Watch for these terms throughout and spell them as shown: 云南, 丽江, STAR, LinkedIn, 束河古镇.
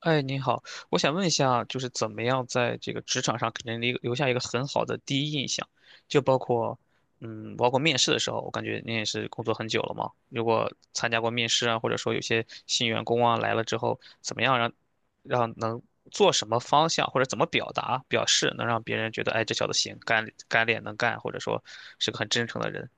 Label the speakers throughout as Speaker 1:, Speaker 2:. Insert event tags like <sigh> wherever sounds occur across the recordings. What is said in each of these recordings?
Speaker 1: 哎，您好，我想问一下，就是怎么样在这个职场上给人留下一个很好的第一印象？就包括，嗯，包括面试的时候，我感觉您也是工作很久了嘛。如果参加过面试啊，或者说有些新员工啊来了之后，怎么样让能做什么方向，或者怎么表达表示，能让别人觉得，哎，这小子行，干练能干，或者说是个很真诚的人。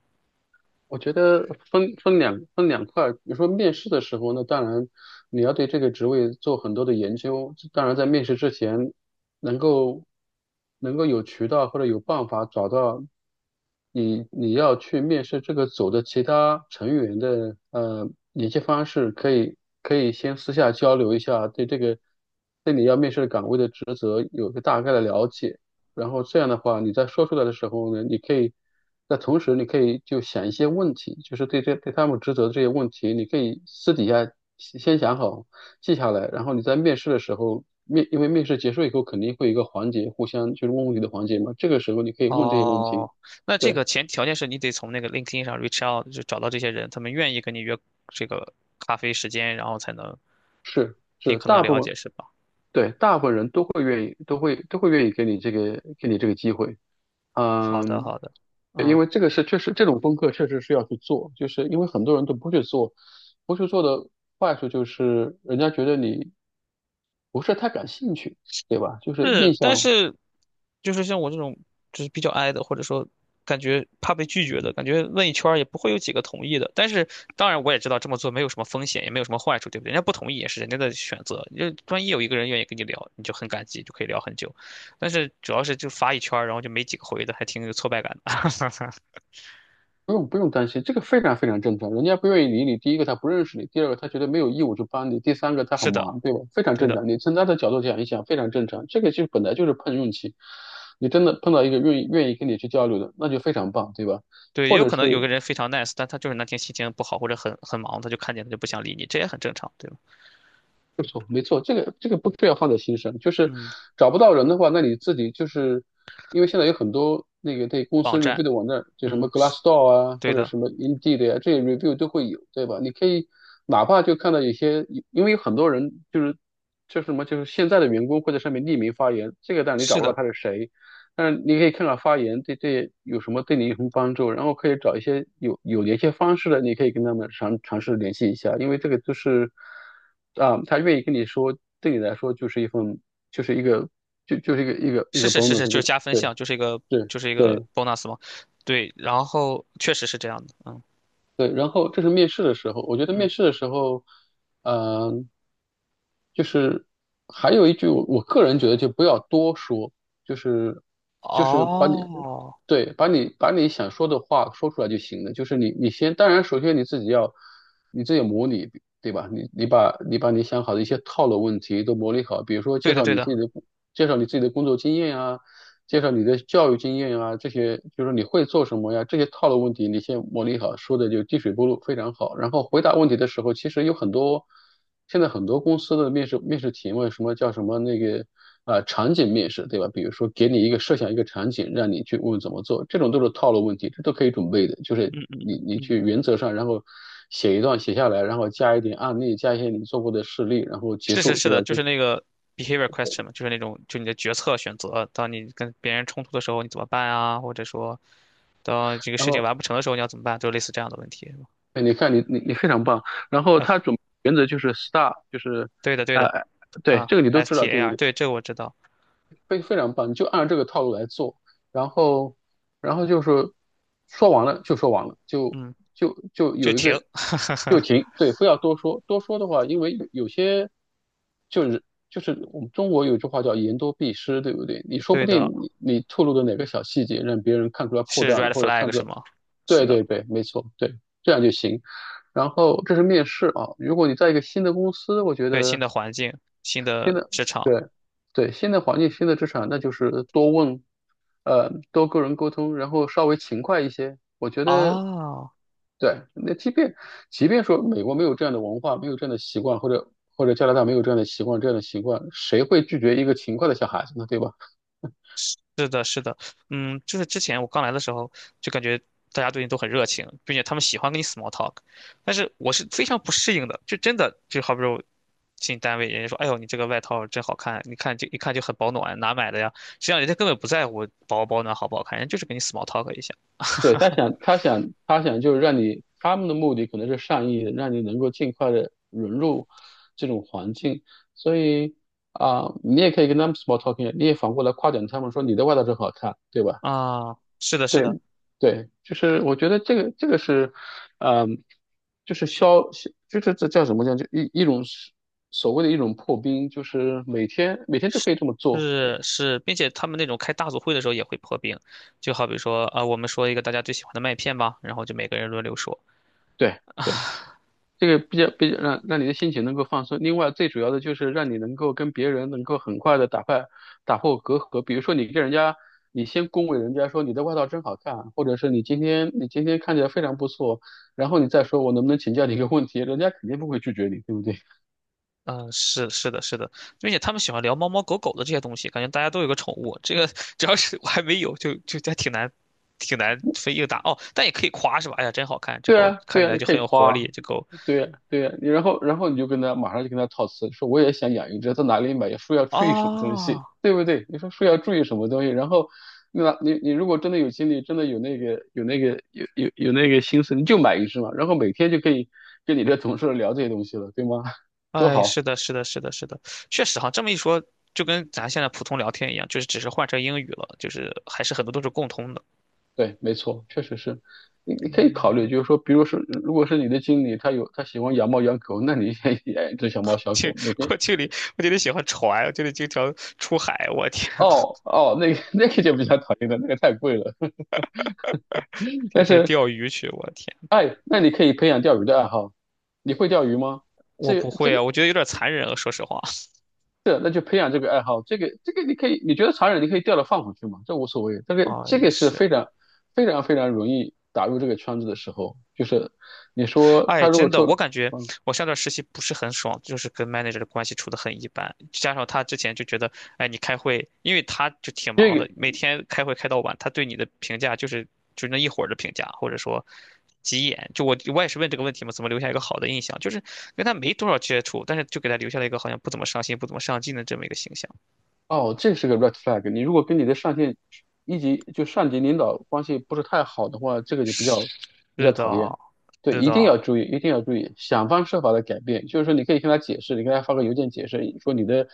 Speaker 2: 我觉得分两块儿，比如说面试的时候那当然你要对这个职位做很多的研究，当然在面试之前能够能够有渠道或者有办法找到你要去面试这个组的其他成员的联系方式，可以先私下交流一下，对这个对你要面试的岗位的职责有个大概的了解。然后这样的话，你在说出来的时候呢，你可以在同时，你可以就想一些问题，就是对这对他们职责的这些问题，你可以私底下先想好，记下来，然后你在面试的时候，因为面试结束以后肯定会有一个环节，互相就是问问题的环节嘛，这个时候你可以问这些问题。
Speaker 1: 哦，那这
Speaker 2: 对，
Speaker 1: 个前条件是你得从那个 LinkedIn 上 reach out，就找到这些人，他们愿意跟你约这个咖啡时间，然后才能
Speaker 2: 是
Speaker 1: 尽
Speaker 2: 是，
Speaker 1: 可能
Speaker 2: 大部
Speaker 1: 了
Speaker 2: 分
Speaker 1: 解，是吧？
Speaker 2: 对大部分人都会愿意，都会愿意给你这个给你这个机会。
Speaker 1: 好的，
Speaker 2: 嗯，
Speaker 1: 好的，
Speaker 2: 因
Speaker 1: 嗯。
Speaker 2: 为这个是确实这种功课确实是要去做，就是因为很多人都不去做，不去做的坏处就是人家觉得你不是太感兴趣，对吧？就是印
Speaker 1: 是，但
Speaker 2: 象
Speaker 1: 是就是像我这种就是比较 i 的，或者说感觉怕被拒绝的，感觉问一圈儿也不会有几个同意的。但是当然我也知道这么做没有什么风险，也没有什么坏处，对不对？人家不同意也是人家的选择，就万一有一个人愿意跟你聊，你就很感激，就可以聊很久。但是主要是就发一圈儿然后就没几个回的，还挺有挫败感的。<laughs>
Speaker 2: 不用担心，这个非常非常正常。人家不愿意理你，第一个他不认识你，第二个他觉得没有义务去帮你，第三个他很
Speaker 1: 是的，
Speaker 2: 忙，对吧？非常
Speaker 1: 对
Speaker 2: 正
Speaker 1: 的。
Speaker 2: 常。你从他的角度讲一想，非常正常。这个就本来就是碰运气，你真的碰到一个愿意跟你去交流的，那就非常棒，对吧？
Speaker 1: 对，也
Speaker 2: 或
Speaker 1: 有
Speaker 2: 者
Speaker 1: 可
Speaker 2: 是
Speaker 1: 能有个人非常 nice，但他就是那天心情不好或者很忙，他就看见他就不想理你，这也很正常，对吧？
Speaker 2: 没错，这个这个不需要放在心上，就是
Speaker 1: 嗯，
Speaker 2: 找不到人的话，那你自己就是因为现在有很多那个对公
Speaker 1: 网
Speaker 2: 司 review
Speaker 1: 站，
Speaker 2: 的网站，就什么
Speaker 1: 嗯，是
Speaker 2: Glassdoor 啊，
Speaker 1: 对
Speaker 2: 或者
Speaker 1: 的，
Speaker 2: 什么 Indeed 呀、这些 review 都会有，对吧？你可以哪怕就看到有些，因为有很多人就是就是什么，就是现在的员工会在上面匿名发言，这个当然你
Speaker 1: 是
Speaker 2: 找不到
Speaker 1: 的。
Speaker 2: 他是谁，但是你可以看看发言对有什么对你有什么帮助，然后可以找一些有联系方式的，你可以跟他们尝试联系一下，因为这个就是他愿意跟你说，对你来说就是一份就是一个就是一个一个一
Speaker 1: 是
Speaker 2: 个
Speaker 1: 是是
Speaker 2: bonus，
Speaker 1: 是，就
Speaker 2: 就
Speaker 1: 是加分
Speaker 2: 对
Speaker 1: 项，就是一个
Speaker 2: 对
Speaker 1: 就是一个
Speaker 2: 对。
Speaker 1: bonus 嘛。对，然后确实是这样的，嗯
Speaker 2: 对，然后这是面试的时候，我觉得
Speaker 1: 嗯，
Speaker 2: 面试的时候，嗯、就是还有一句我个人觉得就不要多说，就是就是把你
Speaker 1: 哦，
Speaker 2: 对把你想说的话说出来就行了。就是你先，当然首先你自己要你自己模拟，对吧？你把你把你想好的一些套路问题都模拟好，比如说
Speaker 1: 对
Speaker 2: 介
Speaker 1: 的
Speaker 2: 绍
Speaker 1: 对
Speaker 2: 你自
Speaker 1: 的，
Speaker 2: 己的介绍你自己的工作经验啊，介绍你的教育经验啊，这些就是你会做什么呀？这些套路问题你先磨砺好，说的就滴水不漏，非常好。然后回答问题的时候，其实有很多，现在很多公司的面试提问，什么叫什么那个场景面试，对吧？比如说给你一个设想一个场景，让你去问怎么做，这种都是套路问题，这都可以准备的。就是
Speaker 1: 嗯嗯
Speaker 2: 你
Speaker 1: 嗯
Speaker 2: 你
Speaker 1: 嗯，
Speaker 2: 去原则上，然后写一段写下来，然后加一点案例，加一些你做过的事例，然后结
Speaker 1: 是是
Speaker 2: 束，
Speaker 1: 是
Speaker 2: 对
Speaker 1: 的，
Speaker 2: 吧？
Speaker 1: 就
Speaker 2: 就
Speaker 1: 是那个 behavior question 嘛，就是那种就你的决策选择，当你跟别人冲突的时候你怎么办啊，或者说当这个
Speaker 2: 然
Speaker 1: 事情完
Speaker 2: 后
Speaker 1: 不成的时候你要怎么办，就类似这样的问题，是吧？
Speaker 2: 哎，你看你非常棒。然后
Speaker 1: 啊，
Speaker 2: 原则就是 STAR，就是
Speaker 1: 对的对的，
Speaker 2: 呃，对，
Speaker 1: 啊
Speaker 2: 这个你都知道，对不
Speaker 1: ，STAR，
Speaker 2: 对？
Speaker 1: 对，这个我知道，
Speaker 2: 非常棒，你就按这个套路来做。然后，然后就是说完了就说完了，
Speaker 1: 嗯，
Speaker 2: 就
Speaker 1: 就
Speaker 2: 有一
Speaker 1: 停，
Speaker 2: 个就停，对，不要多说。多说的话，因为有些就是就是我们中国有句话叫言多必失，对不对？你说不
Speaker 1: 对
Speaker 2: 定
Speaker 1: 的，
Speaker 2: 你透露的哪个小细节，让别人看出来破
Speaker 1: 是
Speaker 2: 绽了，
Speaker 1: red
Speaker 2: 或者看
Speaker 1: flag
Speaker 2: 出
Speaker 1: 是
Speaker 2: 来。
Speaker 1: 吗？是
Speaker 2: 对
Speaker 1: 的。
Speaker 2: 对对，没错，对，这样就行。然后这是面试啊，如果你在一个新的公司，我觉
Speaker 1: 对，新
Speaker 2: 得
Speaker 1: 的环境、新
Speaker 2: 新
Speaker 1: 的
Speaker 2: 的
Speaker 1: 职场
Speaker 2: 对对新的环境、新的职场，那就是多问，多跟人沟通，然后稍微勤快一些。我觉得
Speaker 1: 啊，
Speaker 2: 对，那即便即便说美国没有这样的文化，没有这样的习惯，或者或者加拿大没有这样的习惯，这样的习惯，谁会拒绝一个勤快的小孩子呢？对吧？
Speaker 1: 是的，是的，嗯，就是之前我刚来的时候，就感觉大家对你都很热情，并且他们喜欢跟你 small talk，但是我是非常不适应的，就真的就好比如进单位，人家说，哎呦，你这个外套真好看，你看就一看就很保暖，哪买的呀？实际上人家根本不在乎保不保暖好不好看，人家就是给你 small talk 一下
Speaker 2: 对，他想，他想，他想就是让你，他们的目的可能是善意的，让你能够尽快的融入这种环境。所以你也可以跟他们 small talking，啊你也反过来夸奖他们说你的外套真好看，对吧？
Speaker 1: 啊，是的，是
Speaker 2: 对，
Speaker 1: 的。
Speaker 2: 对，就是我觉得这个是，嗯、就是消，就是这叫什么叫一种所谓的一种破冰，就是每天每天都可以这么做。对，
Speaker 1: 是是，并且他们那种开大组会的时候也会破冰，就好比说啊、我们说一个大家最喜欢的麦片吧，然后就每个人轮流说。
Speaker 2: 对，对。这个比较比较让你的心情能够放松。另外，最主要的就是让你能够跟别人能够很快的打破隔阂。比如说，你跟人家，你先恭维人家说你的外套真好看，或者是你今天你今天看起来非常不错，然后你再说我能不能请教你一个问题，人家肯定不会拒绝你，对不对？
Speaker 1: 嗯、是是的，是的，并且他们喜欢聊猫猫狗狗的这些东西，感觉大家都有个宠物。这个只要是我还没有，就还挺难，挺难分硬打哦。但也可以夸是吧？哎呀，真好看，这
Speaker 2: 对
Speaker 1: 狗
Speaker 2: 啊，
Speaker 1: 看起
Speaker 2: 对啊，
Speaker 1: 来
Speaker 2: 你
Speaker 1: 就
Speaker 2: 可
Speaker 1: 很
Speaker 2: 以
Speaker 1: 有活
Speaker 2: 夸啊
Speaker 1: 力，这狗
Speaker 2: 对呀，对呀，然后然后你就跟他马上就跟他套词，说我也想养一只，在哪里买？说要注意什么东西，
Speaker 1: 啊，
Speaker 2: 对不对？你说要注意什么东西，然后那你如果真的有精力，真的有那个有那个有有那个心思，你就买一只嘛，然后每天就可以跟你这同事聊这些东西了，对吗？<laughs> 都
Speaker 1: 哎，
Speaker 2: 好，
Speaker 1: 是的，是的，是的，是的，确实哈，这么一说，就跟咱现在普通聊天一样，就是只是换成英语了，就是还是很多都是共通的。
Speaker 2: 对，没错，确实是。你可以考
Speaker 1: 嗯。
Speaker 2: 虑，就是说，比如说，如果是你的经理，他喜欢养猫养狗，那你也养一只小猫
Speaker 1: <laughs>
Speaker 2: 小
Speaker 1: 去
Speaker 2: 狗，每天。
Speaker 1: 我这里我这得喜欢船，我这里经常出海，我天，
Speaker 2: 哦，那个 <laughs> 那个就比较讨厌了，那个太贵了。<laughs>
Speaker 1: 天
Speaker 2: 但
Speaker 1: 天
Speaker 2: 是
Speaker 1: 钓鱼去，我天，
Speaker 2: 哎，那你可以培养钓鱼的爱好。你会钓鱼吗？
Speaker 1: 我
Speaker 2: 这
Speaker 1: 不
Speaker 2: 个、这
Speaker 1: 会啊，
Speaker 2: 个、
Speaker 1: 我觉得有点残忍啊，说实话
Speaker 2: 那就培养这个爱好。你可以，你觉得残忍，你可以钓了放回去嘛，这无所谓。这
Speaker 1: <laughs>
Speaker 2: 个、
Speaker 1: 啊，
Speaker 2: 这
Speaker 1: 也
Speaker 2: 个是
Speaker 1: 是，
Speaker 2: 非常、非常、非常容易打入这个圈子的时候，就是你说
Speaker 1: 哎，
Speaker 2: 他如果
Speaker 1: 真的，我
Speaker 2: 说，
Speaker 1: 感觉
Speaker 2: 嗯，
Speaker 1: 我上段实习不是很爽，就是跟 manager 的关系处得很一般，加上他之前就觉得，哎，你开会，因为他就挺
Speaker 2: 这
Speaker 1: 忙
Speaker 2: 个
Speaker 1: 的，每天开会开到晚，他对你的评价就是就那一会儿的评价，或者说急眼。就我也是问这个问题嘛，怎么留下一个好的印象？就是跟他没多少接触，但是就给他留下了一个好像不怎么上心、不怎么上进的这么一个形象。
Speaker 2: 哦，这是个 red flag。你如果跟你的一级就上级领导关系不是太好的话，这个就比较比较
Speaker 1: 是的，
Speaker 2: 讨厌。对，
Speaker 1: 是
Speaker 2: 一定
Speaker 1: 的，
Speaker 2: 要注意，一定要注意，想方设法的改变。就是说，你可以跟他解释，你跟他发个邮件解释，说你的，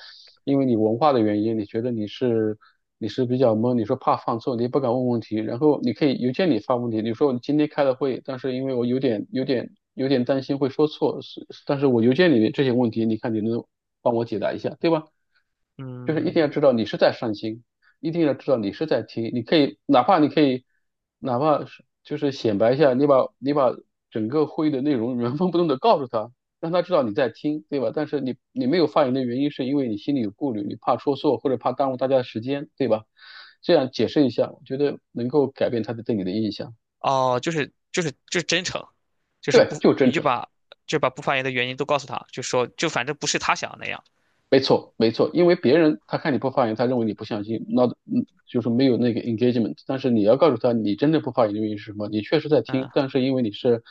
Speaker 2: 因为你文化的原因，你觉得你是比较懵，你说怕犯错，你也不敢问问题。然后你可以邮件里发问题，你说我今天开了会，但是因为我有点有点担心会说错，是但是我邮件里面这些问题，你看你能帮我解答一下，对吧？就是一定要
Speaker 1: 嗯。
Speaker 2: 知道你是在上心。一定要知道你是在听，你可以哪怕是就是显摆一下，你把整个会议的内容原封不动的告诉他，让他知道你在听，对吧？但是你没有发言的原因是因为你心里有顾虑，你怕说错或者怕耽误大家的时间，对吧？这样解释一下，我觉得能够改变他的对你的印象。
Speaker 1: 哦，就是就是就是真诚，就是
Speaker 2: 对，
Speaker 1: 不，
Speaker 2: 就是
Speaker 1: 你
Speaker 2: 真
Speaker 1: 就
Speaker 2: 诚。
Speaker 1: 把就把不发言的原因都告诉他，就说就反正不是他想的那样。
Speaker 2: 没错，没错，因为别人他看你不发言，他认为你不相信，那嗯就是没有那个 engagement。但是你要告诉他，你真的不发言的原因是什么？你确实在听，
Speaker 1: 嗯
Speaker 2: 但是因为你是，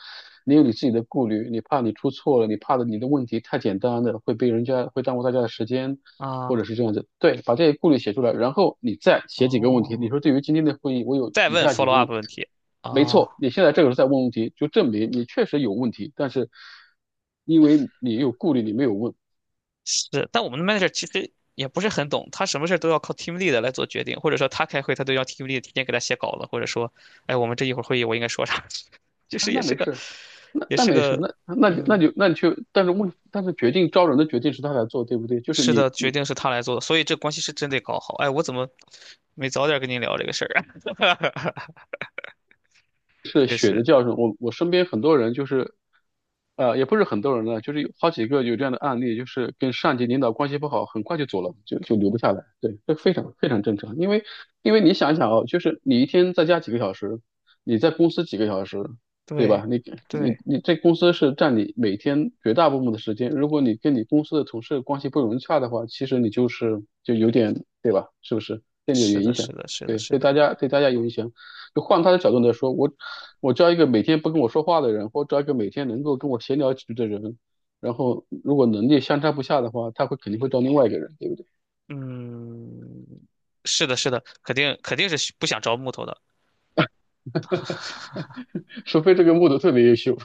Speaker 2: 你有你自己的顾虑，你怕你出错了，你的问题太简单了，会被人家会耽误大家的时间，
Speaker 1: 啊
Speaker 2: 或者是这样子。对，把这些顾虑写出来，然后你再写几个问题。你
Speaker 1: 哦，
Speaker 2: 说对于今天的会议，我有
Speaker 1: 再
Speaker 2: 以
Speaker 1: 问
Speaker 2: 下几
Speaker 1: follow
Speaker 2: 个问
Speaker 1: up
Speaker 2: 题，
Speaker 1: 问题
Speaker 2: 没
Speaker 1: 啊，
Speaker 2: 错，你现在这个时候在问问题，就证明你确实有问题，但是因为你有顾虑，你没有问。
Speaker 1: 是，但我们的 manager 其实也不是很懂，他什么事儿都要靠 team lead 来做决定，或者说他开会他都要 team lead 提前给他写稿子，或者说，哎，我们这一会儿会议我应该说啥，<laughs> 就
Speaker 2: 啊，
Speaker 1: 是也
Speaker 2: 那
Speaker 1: 是
Speaker 2: 没
Speaker 1: 个
Speaker 2: 事，
Speaker 1: 也是个嗯，
Speaker 2: 那你去，但是问，但是决定招人的决定是他来做，对不对？就是
Speaker 1: 是的，决定是他来做的，所以这关系是真得搞好。哎，我怎么没早点跟您聊这个事儿啊？<laughs>
Speaker 2: 是
Speaker 1: 确
Speaker 2: 血的
Speaker 1: 实。
Speaker 2: 教训。我身边很多人就是，也不是很多人了，就是有好几个有这样的案例，就是跟上级领导关系不好，很快就走了，就留不下来。对，这非常非常正常，因为因为你想一想哦，就是你一天在家几个小时，你在公司几个小时，对
Speaker 1: 对，
Speaker 2: 吧？你你
Speaker 1: 对，
Speaker 2: 你这公司是占你每天绝大部分的时间，如果你跟你公司的同事关系不融洽的话，其实你就是就有点，对吧？是不是？对你有
Speaker 1: 是的，
Speaker 2: 影
Speaker 1: 是
Speaker 2: 响，
Speaker 1: 的，是的，
Speaker 2: 对，
Speaker 1: 是的，
Speaker 2: 对大家有影响。就换他的角度来说，我招一个每天不跟我说话的人，或招一个每天能够跟我闲聊几句的人，然后如果能力相差不下的话，肯定会招另外一个人，对不对？
Speaker 1: 嗯，是的，是的，肯定肯定是需不想招木头的，
Speaker 2: <laughs> 除非这个木头特别优秀，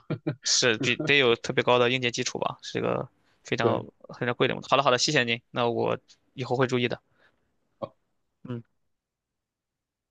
Speaker 1: 是比得有特别高的硬件基础吧，是一个非
Speaker 2: <laughs>
Speaker 1: 常
Speaker 2: 对。
Speaker 1: 非常贵的木头。好了，好了，谢谢您，那我以后会注意的。嗯。